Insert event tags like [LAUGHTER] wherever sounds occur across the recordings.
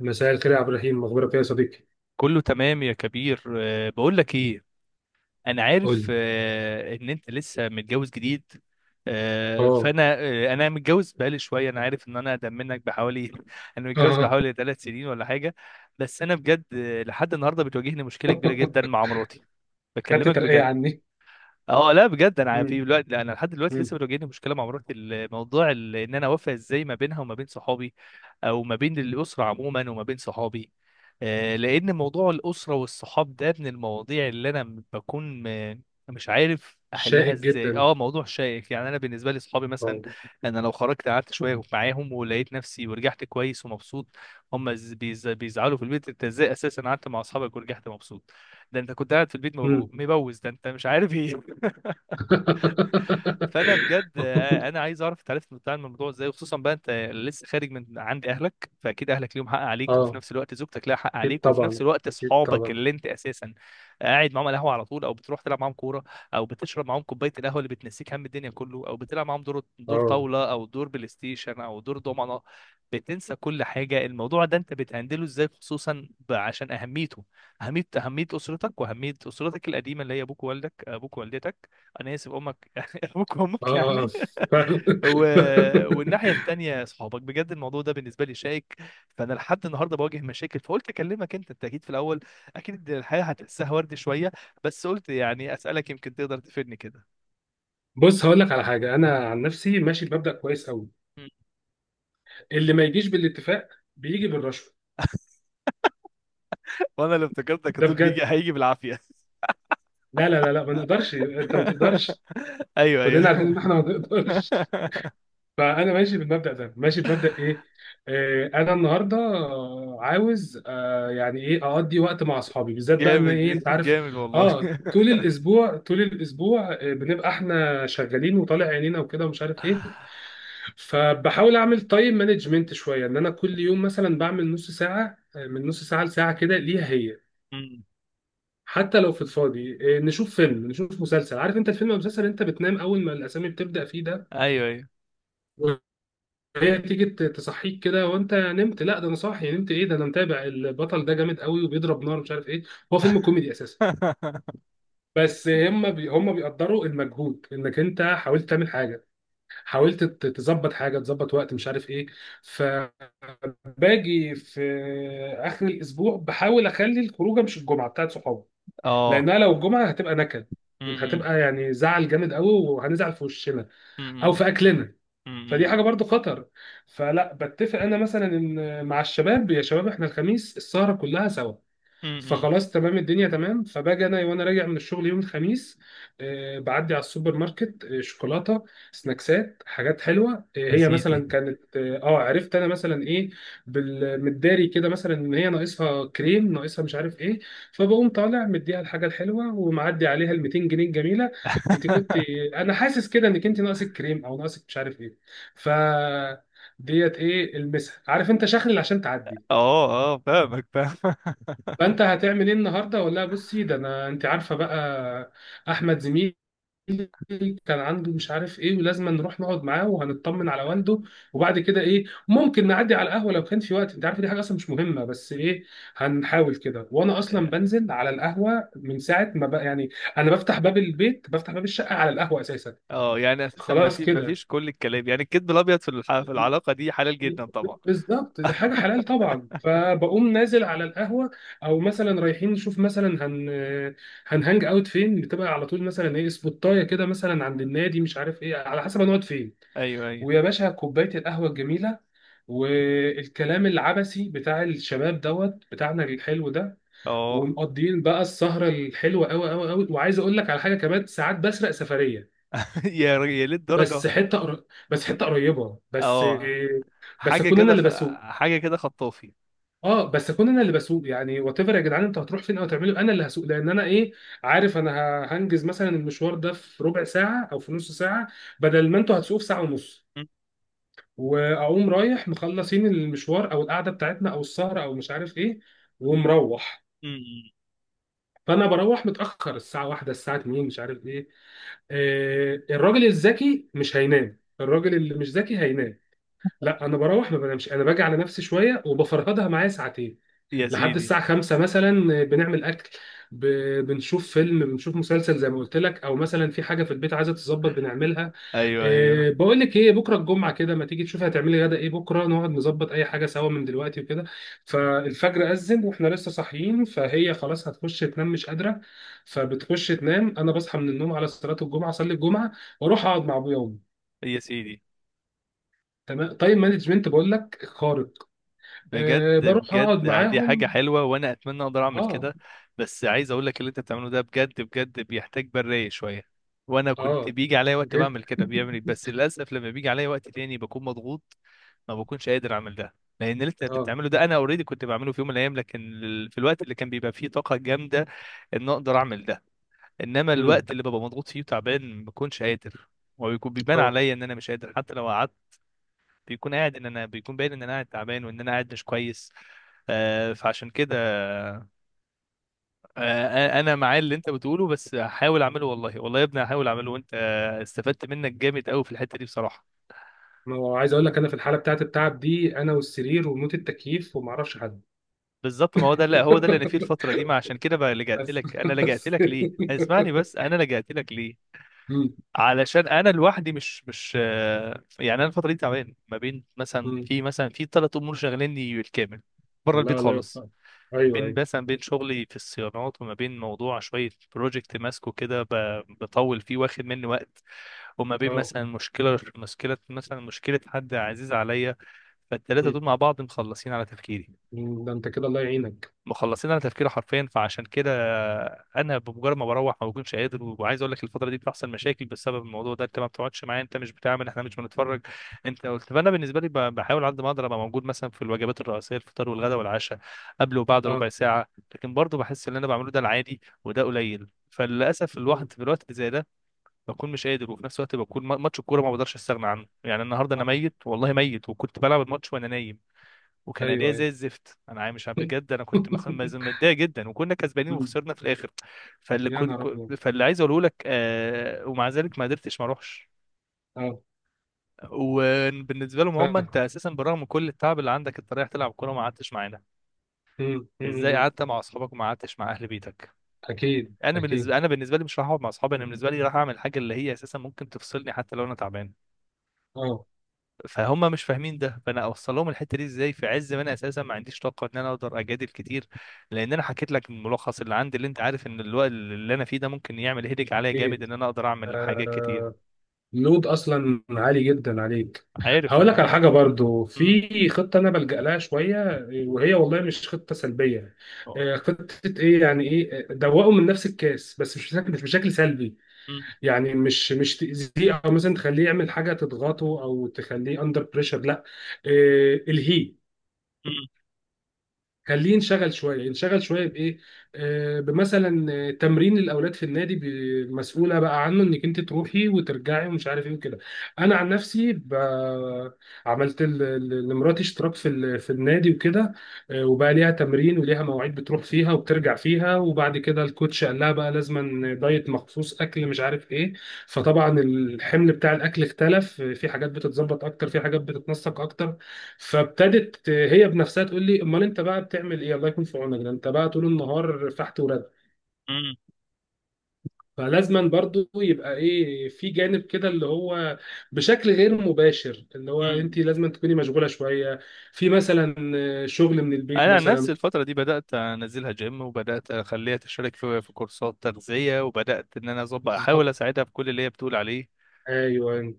مساء الخير يا عبد الرحيم، مخبرك ايه يا صديقي؟ كله تمام يا كبير. بقول لك ايه. انا قول عارف لي. ان انت لسه متجوز جديد. أه اه، فانا أه انا متجوز بقالي شويه، انا عارف ان انا اقدم منك بحوالي [LAUGHS] انا متجوز اه. بحوالي 3 سنين ولا حاجه. بس انا بجد، لحد النهارده بتواجهني مشكله كبيره جدا [LAUGHS] مع مراتي. خدت بكلمك ترقية بجد. عني؟ اه لا بجد انا مم. في الوقت لا، انا لحد دلوقتي مم. لسه بتواجهني مشكله مع مراتي. الموضوع ال- ان انا اوافق ازاي ما بينها وما بين صحابي، او ما بين الاسره عموما وما بين صحابي. لان موضوع الاسره والصحاب ده من المواضيع اللي انا م- بكون م- مش عارف احلها شائك ازاي. جدا. اه موضوع شائك يعني. انا بالنسبه لي صحابي مثلا، اه. انا لو خرجت قعدت شويه معاهم ولقيت نفسي ورجعت كويس ومبسوط. هم ز- بيز- بيزعلوا في البيت، انت ازاي اساسا قعدت مع اصحابك ورجعت مبسوط؟ ده انت كنت قاعد في البيت مبو- مم. مبوز، ده انت مش عارف ايه. فانا بجد، انا [LAUGHS] عايز اعرف انت عرفت بتعمل الموضوع ازاي، وخصوصا بقى انت لسه خارج من عند اهلك، فاكيد اهلك ليهم حق عليك، وفي اه، نفس الوقت زوجتك لها حق اكيد عليك، وفي نفس طبعا، الوقت اكيد اصحابك طبعا. اللي انت اساسا قاعد معاهم على القهوه على طول، او بتروح تلعب معاهم كوره، او بتشرب معاهم كوبايه القهوه اللي بتنسيك هم الدنيا كله، او بتلعب معاهم دور اه، طاوله او دور بلاي ستيشن او دور دومنه، بتنسى كل حاجه. الموضوع ده انت بتهندله ازاي، خصوصا ب- عشان اهميته، اهميه اسرتك واهميه اسرتك القديمه اللي هي ابوك ووالدك، ابوك ووالدتك، انا اسف امك [LAUGHS] ابوك اه، وامك اه، آه. يعني فعلا. [LAUGHS] و... والناحيه [LAUGHS] التانيه صحابك. بجد الموضوع ده بالنسبه لي شائك، فانا لحد النهارده بواجه مشاكل، فقلت اكلمك انت، انت اكيد في الاول اكيد الحياه هتحسها ورد شويه، بس قلت يعني اسالك يمكن تقدر تفيدني كده. بص، هقول لك على حاجة. انا عن نفسي ماشي بمبدأ كويس قوي: م. اللي ما يجيش بالاتفاق بيجي بالرشوة. وانا اللي افتكرتك ده هتقول بيجي، بجد. هيجي بالعافيه. لا لا لا لا، ما نقدرش، انت ما تقدرش. [LAUGHS] ايوه ايوه. كلنا عارفين ان احنا ما نقدرش. [LAUGHS] فانا ماشي بالمبدا ده، ماشي بمبدا ايه. انا النهارده عاوز، يعني اقضي وقت مع اصحابي، بالذات بقى ان جامد، ايه، انت عارف. جامد والله. اه، [LAUGHS] طول الاسبوع طول الاسبوع بنبقى احنا شغالين وطالع عينينا وكده ومش عارف ايه. فبحاول اعمل تايم مانجمنت شويه، ان انا كل يوم مثلا بعمل نص ساعه، من نص ساعه لساعه كده ليها هي. م. حتى لو في الفاضي نشوف فيلم، نشوف مسلسل. عارف انت الفيلم او المسلسل، انت بتنام اول ما الاسامي بتبدا فيه ايوه ايوه. ده. هي تيجي تصحيك كده وانت نمت. لا، ده انا صاحي، نمت ايه؟ ده انا متابع البطل ده، جامد قوي وبيضرب نار مش عارف ايه. هو فيلم كوميدي اساسا. [LAUGHS] بس هم بي هم بيقدروا المجهود انك انت حاولت تعمل حاجه، حاولت تظبط حاجه، تظبط وقت مش عارف ايه. فباجي في اخر الاسبوع بحاول اخلي الخروجه مش الجمعه بتاعت صحابي، اه. لانها لو الجمعه هتبقى نكد، م- م-. هتبقى يعني زعل جامد قوي، وهنزعل في وشنا او م- في اكلنا، م-. فدي م-. حاجه برضو خطر. فلا، بتفق انا مثلا ان مع الشباب، يا شباب احنا الخميس السهره كلها سوا. امم. فخلاص تمام، الدنيا تمام. فباجي انا وانا راجع من الشغل يوم الخميس، بعدي على السوبر ماركت، شوكولاته، سناكسات، حاجات حلوه. يا هي سيدي. مثلا كانت، عرفت انا مثلا ايه بالمداري كده، مثلا ان هي ناقصها كريم، ناقصها مش عارف ايه. فبقوم طالع، مديها الحاجه الحلوه، ومعدي عليها ال 200 جنيه الجميله. انت كنت، [LAUGHS] انا حاسس كده انك انت ناقصك كريم او ناقصك مش عارف ايه. ف ديت ايه، المسها، عارف انت، شخلل عشان تعدي. اه اه، فاهمك فاهم. فانت هتعمل ايه النهارده؟ ولا بصي، ده انا انت عارفه بقى، احمد زميلي كان عنده مش عارف ايه، ولازم نروح نقعد معاه وهنطمن على والده، وبعد كده ايه، ممكن نعدي على القهوه لو كان في وقت، انت عارفه دي حاجه اصلا مش مهمه، بس ايه هنحاول كده. وانا اصلا بنزل على القهوه من ساعه ما بقى يعني، انا بفتح باب البيت، بفتح باب الشقه على القهوه اساسا. اه يعني اساسا ما خلاص في، ما كده، فيش كل الكلام، يعني الكذب الابيض في الح- في العلاقه دي حلال جدا طبعا. بالظبط، دي حاجه حلال طبعا. فبقوم نازل على القهوه، او مثلا رايحين نشوف مثلا هنهانج اوت فين، بتبقى على طول مثلا ايه، سبوتايه كده مثلا عند النادي، مش عارف ايه، على حسب هنقعد فين. ايوه ايوه. ويا باشا كوبايه القهوه الجميله، والكلام العبثي بتاع الشباب دوت بتاعنا الحلو ده، اه. ومقضيين بقى السهره الحلوه قوي قوي قوي. وعايز اقول لك على حاجه كمان، ساعات بسرق سفريه، [LAUGHS] يا ر- يا للدرجه. بس بس حته قريبه بس، اه بس حاجه اكون انا كده اللي خ... بسوق. حاجه كده خطافي. اه، بس اكون انا اللي بسوق يعني. وات ايفر يا جدعان انتوا هتروحوا فين او تعملوا، انا اللي هسوق، لان انا ايه، عارف انا هنجز مثلا المشوار ده في ربع ساعه او في نص ساعه، بدل ما انتوا هتسوقوا في ساعه ونص، م- واقوم رايح مخلصين المشوار او القعده بتاعتنا او السهره او مش عارف ايه، ومروح. م-. م. فانا بروح متاخر، الساعه واحدة، الساعه 2، مش عارف ايه. الراجل الذكي مش هينام، الراجل اللي مش ذكي هينام. لا، انا بروح ما بنامش، انا باجي على نفسي شويه وبفرهدها معايا ساعتين يا لحد سيدي. الساعة خمسة مثلا. بنعمل أكل، بنشوف فيلم، بنشوف مسلسل زي ما قلت لك، أو مثلا في حاجة في البيت عايزة تتظبط بنعملها. ايوه ايوه. أه بقول لك إيه، بكرة الجمعة كده، ما تيجي تشوفي هتعملي غدا إيه، بكرة نقعد نظبط أي حاجة سوا من دلوقتي وكده. فالفجر أذن وإحنا لسه صاحيين، فهي خلاص هتخش تنام، مش قادرة. فبتخش تنام. أنا بصحى من النوم على صلاة الجمعة، أصلي الجمعة وأروح أقعد مع أبويا وأمي. يا سيدي، تمام، تايم مانجمنت، بقول لك خارق. بجد أه بروح بجد أقعد يعني دي حاجة معاهم. حلوة وأنا أتمنى أقدر أعمل أه. كده. بس عايز أقول لك اللي أنت بتعمله ده بجد بجد بيحتاج برية شوية، وأنا كنت أه، بيجي عليا وقت جد. بعمل كده بيعمل إيه؟ بس للأسف لما بيجي عليا وقت تاني بكون مضغوط، ما بكونش قادر أعمل ده، لأن اللي أنت اه. بتعمله ده أنا أوريدي كنت بعمله في يوم من الأيام، لكن ال- في الوقت اللي كان بيبقى فيه طاقة جامدة إن أقدر أعمل ده. إنما امم. الوقت اللي ببقى مضغوط فيه وتعبان ما بكونش قادر، وبيكون بيبان اه. عليا إن أنا مش قادر حتى لو قعدت. بيكون قاعد، إن أنا بيكون باين إن أنا قاعد تعبان وإن أنا قاعد مش كويس. فعشان كده، انا مع اللي انت بتقوله، بس هحاول اعمله والله، والله يا ابني هحاول اعمله، وانت استفدت منك جامد قوي في الحته دي بصراحه. ما هو عايز اقول لك، انا في الحاله بتاعت التعب دي، انا والسرير وموت التكييف، وما اعرفش حد. بالظبط، ما هو ده، لا هو ده اللي انا فيه [LAUGHS] الفتره دي. ما عشان كده بقى لجأت بس. لك، انا لجأت بس. لك ليه، اسمعني بس، انا لجأت لك ليه؟ مم. علشان انا لوحدي مش يعني انا الفتره دي تعبان، ما بين مثلا، مم. في 3 امور شغليني بالكامل بره البيت لا لا، خالص. يوفقك. ايوه بين ايوه. مثلا، بين شغلي في الصيانات، وما بين موضوع شويه بروجكت ماسكه كده، ب- بطول فيه واخد مني وقت، وما بين اه. مثلا مشكلة مثلا مشكلة حد عزيز عليا. فالتلاتة مم. دول مع بعض مخلصين على تفكيري، مم. ده انت كده الله يعينك. مخلصين على تفكيري حرفيا. فعشان كده انا بمجرد ما بروح ما بكونش قادر. وعايز اقول لك الفتره دي بتحصل مشاكل بسبب الموضوع ده، انت ما بتقعدش معايا، انت مش بتعمل، احنا مش بنتفرج، انت قلت. فانا بالنسبه لي ب- بحاول على قد ما اقدر ابقى موجود مثلا في الوجبات الرئيسيه، الفطار والغداء والعشاء، قبل وبعد اه. ربع ساعه. لكن برضه بحس ان اللي انا بعمله ده العادي وده قليل، فللاسف مم. الواحد في الوقت اللي زي ده بكون مش قادر، وفي نفس الوقت بكون ما- ماتش الكوره ما بقدرش استغنى عنه. يعني النهارده انا اه. ميت والله ميت، وكنت بلعب الماتش وانا نايم، وكان ايوه اداء ايوه. زي الزفت. انا عا- مش عارف، بجد انا كنت مخ- مز- [LAUGHS] متضايق جدا، وكنا كسبانين مم. وخسرنا في الاخر. فاللي يا كنت نهار كو- ابيض. فاللي عايز اقوله لك، ومع ذلك ما قدرتش ما اروحش. اه. وبالنسبه لهم، هم فاهم. انت اساسا برغم من كل التعب اللي عندك انت رايح تلعب كوره، ما قعدتش معانا، مم. مم. ازاي مم. قعدت مع اصحابك وما قعدتش مع اهل بيتك؟ يعني اكيد انا اكيد. بالنسبه انا بالنسبه لي مش راح اقعد مع اصحابي، انا بالنسبه لي راح اعمل حاجه اللي هي اساسا ممكن تفصلني حتى لو انا تعبان. اه. فهم مش فاهمين ده. فانا اوصل لهم الحته دي ازاي في عز ما انا اساسا ما عنديش طاقه ان انا اقدر اجادل كتير؟ لان انا حكيت لك الملخص اللي عندي، اللي انت عارف ان الوقت اللي انا فيه ده ممكن يعمل هيدك عليا جامد اكيد. ان انا اقدر اعمل حاجات آه. كتير. لود اصلا عالي جدا عليك. عارف هقول لك على انا. حاجه برضو، مم. في خطه انا بلجأ لها شويه، وهي والله مش خطه سلبيه. خطه ايه يعني، ايه، دوقه من نفس الكاس، بس مش بشكل، مش بشكل سلبي، مم. يعني مش مش تاذيه، او مثلا تخليه يعمل حاجه تضغطه او تخليه اندر بريشر، لا. الهيه، مم. خليه ينشغل شويه، ينشغل شويه بايه، بمثلا تمرين الاولاد في النادي، مسؤوله بقى عنه، انك انت تروحي وترجعي ومش عارف ايه وكده. انا عن نفسي عملت لمراتي اشتراك في في النادي وكده. آه، وبقى ليها تمرين وليها مواعيد بتروح فيها وبترجع فيها، وبعد كده الكوتش قال لها بقى لازما دايت مخصوص، اكل مش عارف ايه. فطبعا الحمل بتاع الاكل اختلف، في حاجات بتتظبط اكتر، في حاجات بتتنسق اكتر. فابتدت هي بنفسها تقول لي، امال انت بقى بتعمل ايه، الله يكون في عونك، ده انت بقى طول النهار فحت ورد. مم. فلازما برضو يبقى ايه في جانب كده، اللي هو بشكل غير مباشر، اللي هو انت مم. لازما تكوني مشغوله شويه، في مثلا شغل من البيت انا عن مثلا. نفسي الفتره دي بدات انزلها جيم، وبدات اخليها تشترك في كورسات تغذيه، وبدات ان انا اظبط، احاول بالظبط. اساعدها في كل اللي هي بتقول عليه ايوه.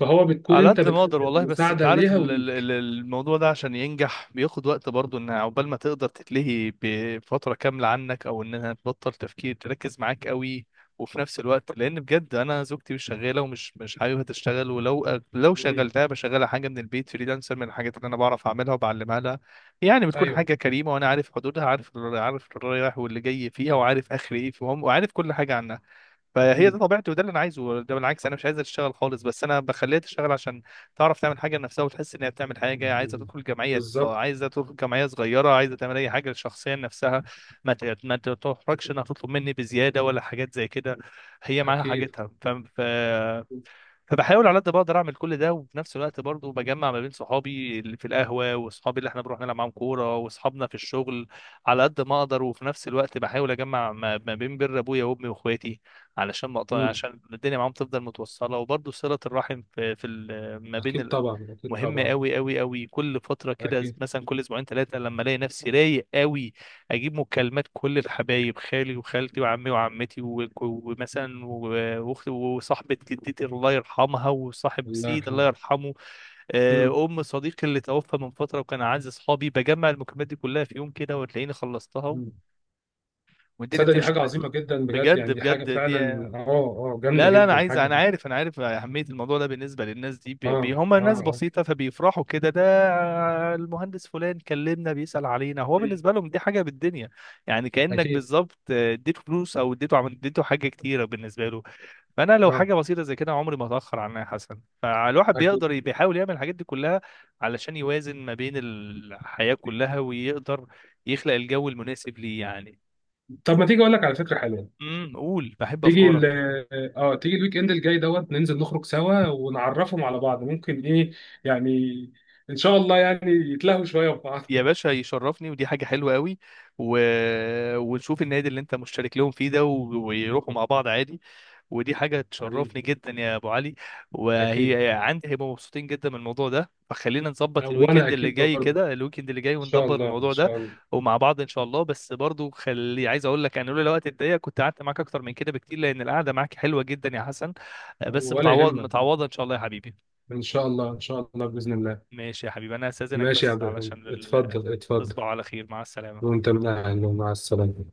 فهو بتكون على انت قد ما اقدر بتقدم والله. بس انت مساعده عارف ليها ال- ال- ال- وليك. الموضوع ده عشان ينجح بياخد وقت برضه، ان عقبال ما تقدر تتلهي بفتره كامله عنك، او انها تبطل تفكير تركز معاك قوي. وفي نفس الوقت، لان بجد انا زوجتي مش شغاله، ومش مش حاببها تشتغل، ولو لو مم. شغلتها بشغلها حاجه من البيت فريلانسر، من الحاجات اللي انا بعرف اعملها وبعلمها لها. يعني بتكون ايوه. حاجه كريمه، وانا عارف حدودها، عارف الرايح واللي جاي فيها، وعارف اخر ايه فيهم، وعارف كل حاجه عنها. فهي ده مم. طبيعتي وده اللي انا عايزه. ده بالعكس انا مش عايزها تشتغل خالص، بس انا بخليها تشتغل عشان تعرف تعمل حاجه لنفسها وتحس انها بتعمل حاجه. عايزه مم. تدخل جمعيه، بالظبط. عايزه تدخل جمعيه صغيره، عايزه تعمل اي حاجه شخصيه لنفسها، ما ت- ما تحرجش انها تطلب مني بزياده ولا حاجات زي كده. هي معاها اكيد. حاجتها، فاهم؟ فبحاول على قد ما اقدر اعمل كل ده. وفي نفس الوقت برضه بجمع ما بين صحابي اللي في القهوه، واصحابي اللي احنا بنروح نلعب معاهم كوره، واصحابنا في الشغل، على قد ما اقدر. وفي نفس الوقت بحاول اجمع ما بين بر ابويا وامي واخواتي، علشان ما اقطع، مم. عشان الدنيا معاهم تفضل متوصله، وبرضه صله الرحم في ال- ما بين اكيد ال- طبعا، اكيد مهمه طبعا. قوي قوي قوي. كل فتره كده، اكيد. مثلا كل اسبوعين ثلاثه، لما الاقي نفسي رايق قوي، اجيب مكالمات كل الحبايب، خالي وخالتي وعمي وعمتي و- ومثلا و- واختي وصاحبه جدتي الله يرحمها، وصاحب الله سيد يرحمه. الله يرحمه، ام صديقي اللي توفى من فتره وكان اعز اصحابي. بجمع المكالمات دي كلها في يوم كده، وتلاقيني خلصتها مم. والدنيا تصدق دي بتمشي حاجة معايا. عظيمة جدا بجد، بجد يعني دي حاجة بجد دي، فعلا، اه. اه، جامدة لا لا انا جدا عايز، الحاجة انا دي. عارف انا عارف اهميه الموضوع ده بالنسبه للناس دي، اه، بي بي- هم اه، ناس اه. بسيطه، فبيفرحوا كده، ده المهندس فلان كلمنا بيسال علينا، هو مم. بالنسبه لهم دي حاجه بالدنيا. يعني كانك أكيد. بالظبط اديته فلوس، او اديته عم- اديته حاجه كتيره بالنسبه له. فانا لو اه. حاجه بسيطه زي كده عمري ما اتاخر عنها يا حسن. فالواحد أكيد. بيقدر ي- بيحاول يعمل الحاجات دي كلها، علشان يوازن ما بين الحياه كلها، ويقدر يخلق الجو المناسب ليه يعني. طب ما تيجي أقول لك على فكرة حلوة، امم، قول، بحب تيجي افكارك. ال اه، تيجي الويك إند الجاي دوت، ننزل نخرج سوا ونعرفهم على بعض، ممكن إيه يعني إن شاء الله يعني يتلهوا شوية في بعض. يا [LAUGHS] باشا يشرفني، ودي حاجة حلوة قوي و... ونشوف النادي اللي انت مشترك لهم فيه ده و... ويروحوا مع بعض عادي، ودي حاجة حبيبي. تشرفني جدا يا ابو علي. أكيد. وهي عندي هيبقوا مبسوطين جدا من الموضوع ده، فخلينا نظبط وأنا الويكند اللي أكيد جاي برضه، كده، الويكند اللي جاي إن شاء وندبر الله، إن الموضوع ده شاء الله. ومع بعض ان شاء الله. بس برضو خلي، عايز اقول لك انا لولا الوقت الضيق كنت قعدت معاك اكتر من كده بكتير، لان القعدة معاك حلوة جدا يا حسن. بس ولا متعوض، يهمك. متعوضة ان شاء الله يا حبيبي. إن شاء الله، إن شاء الله، بإذن الله. ماشي يا حبيبي انا هستأذنك ماشي يا بس عبد الرحيم، علشان ال... اتفضل، اتفضل. تصبح على خير، مع السلامة. وأنت من أهله، مع السلامة.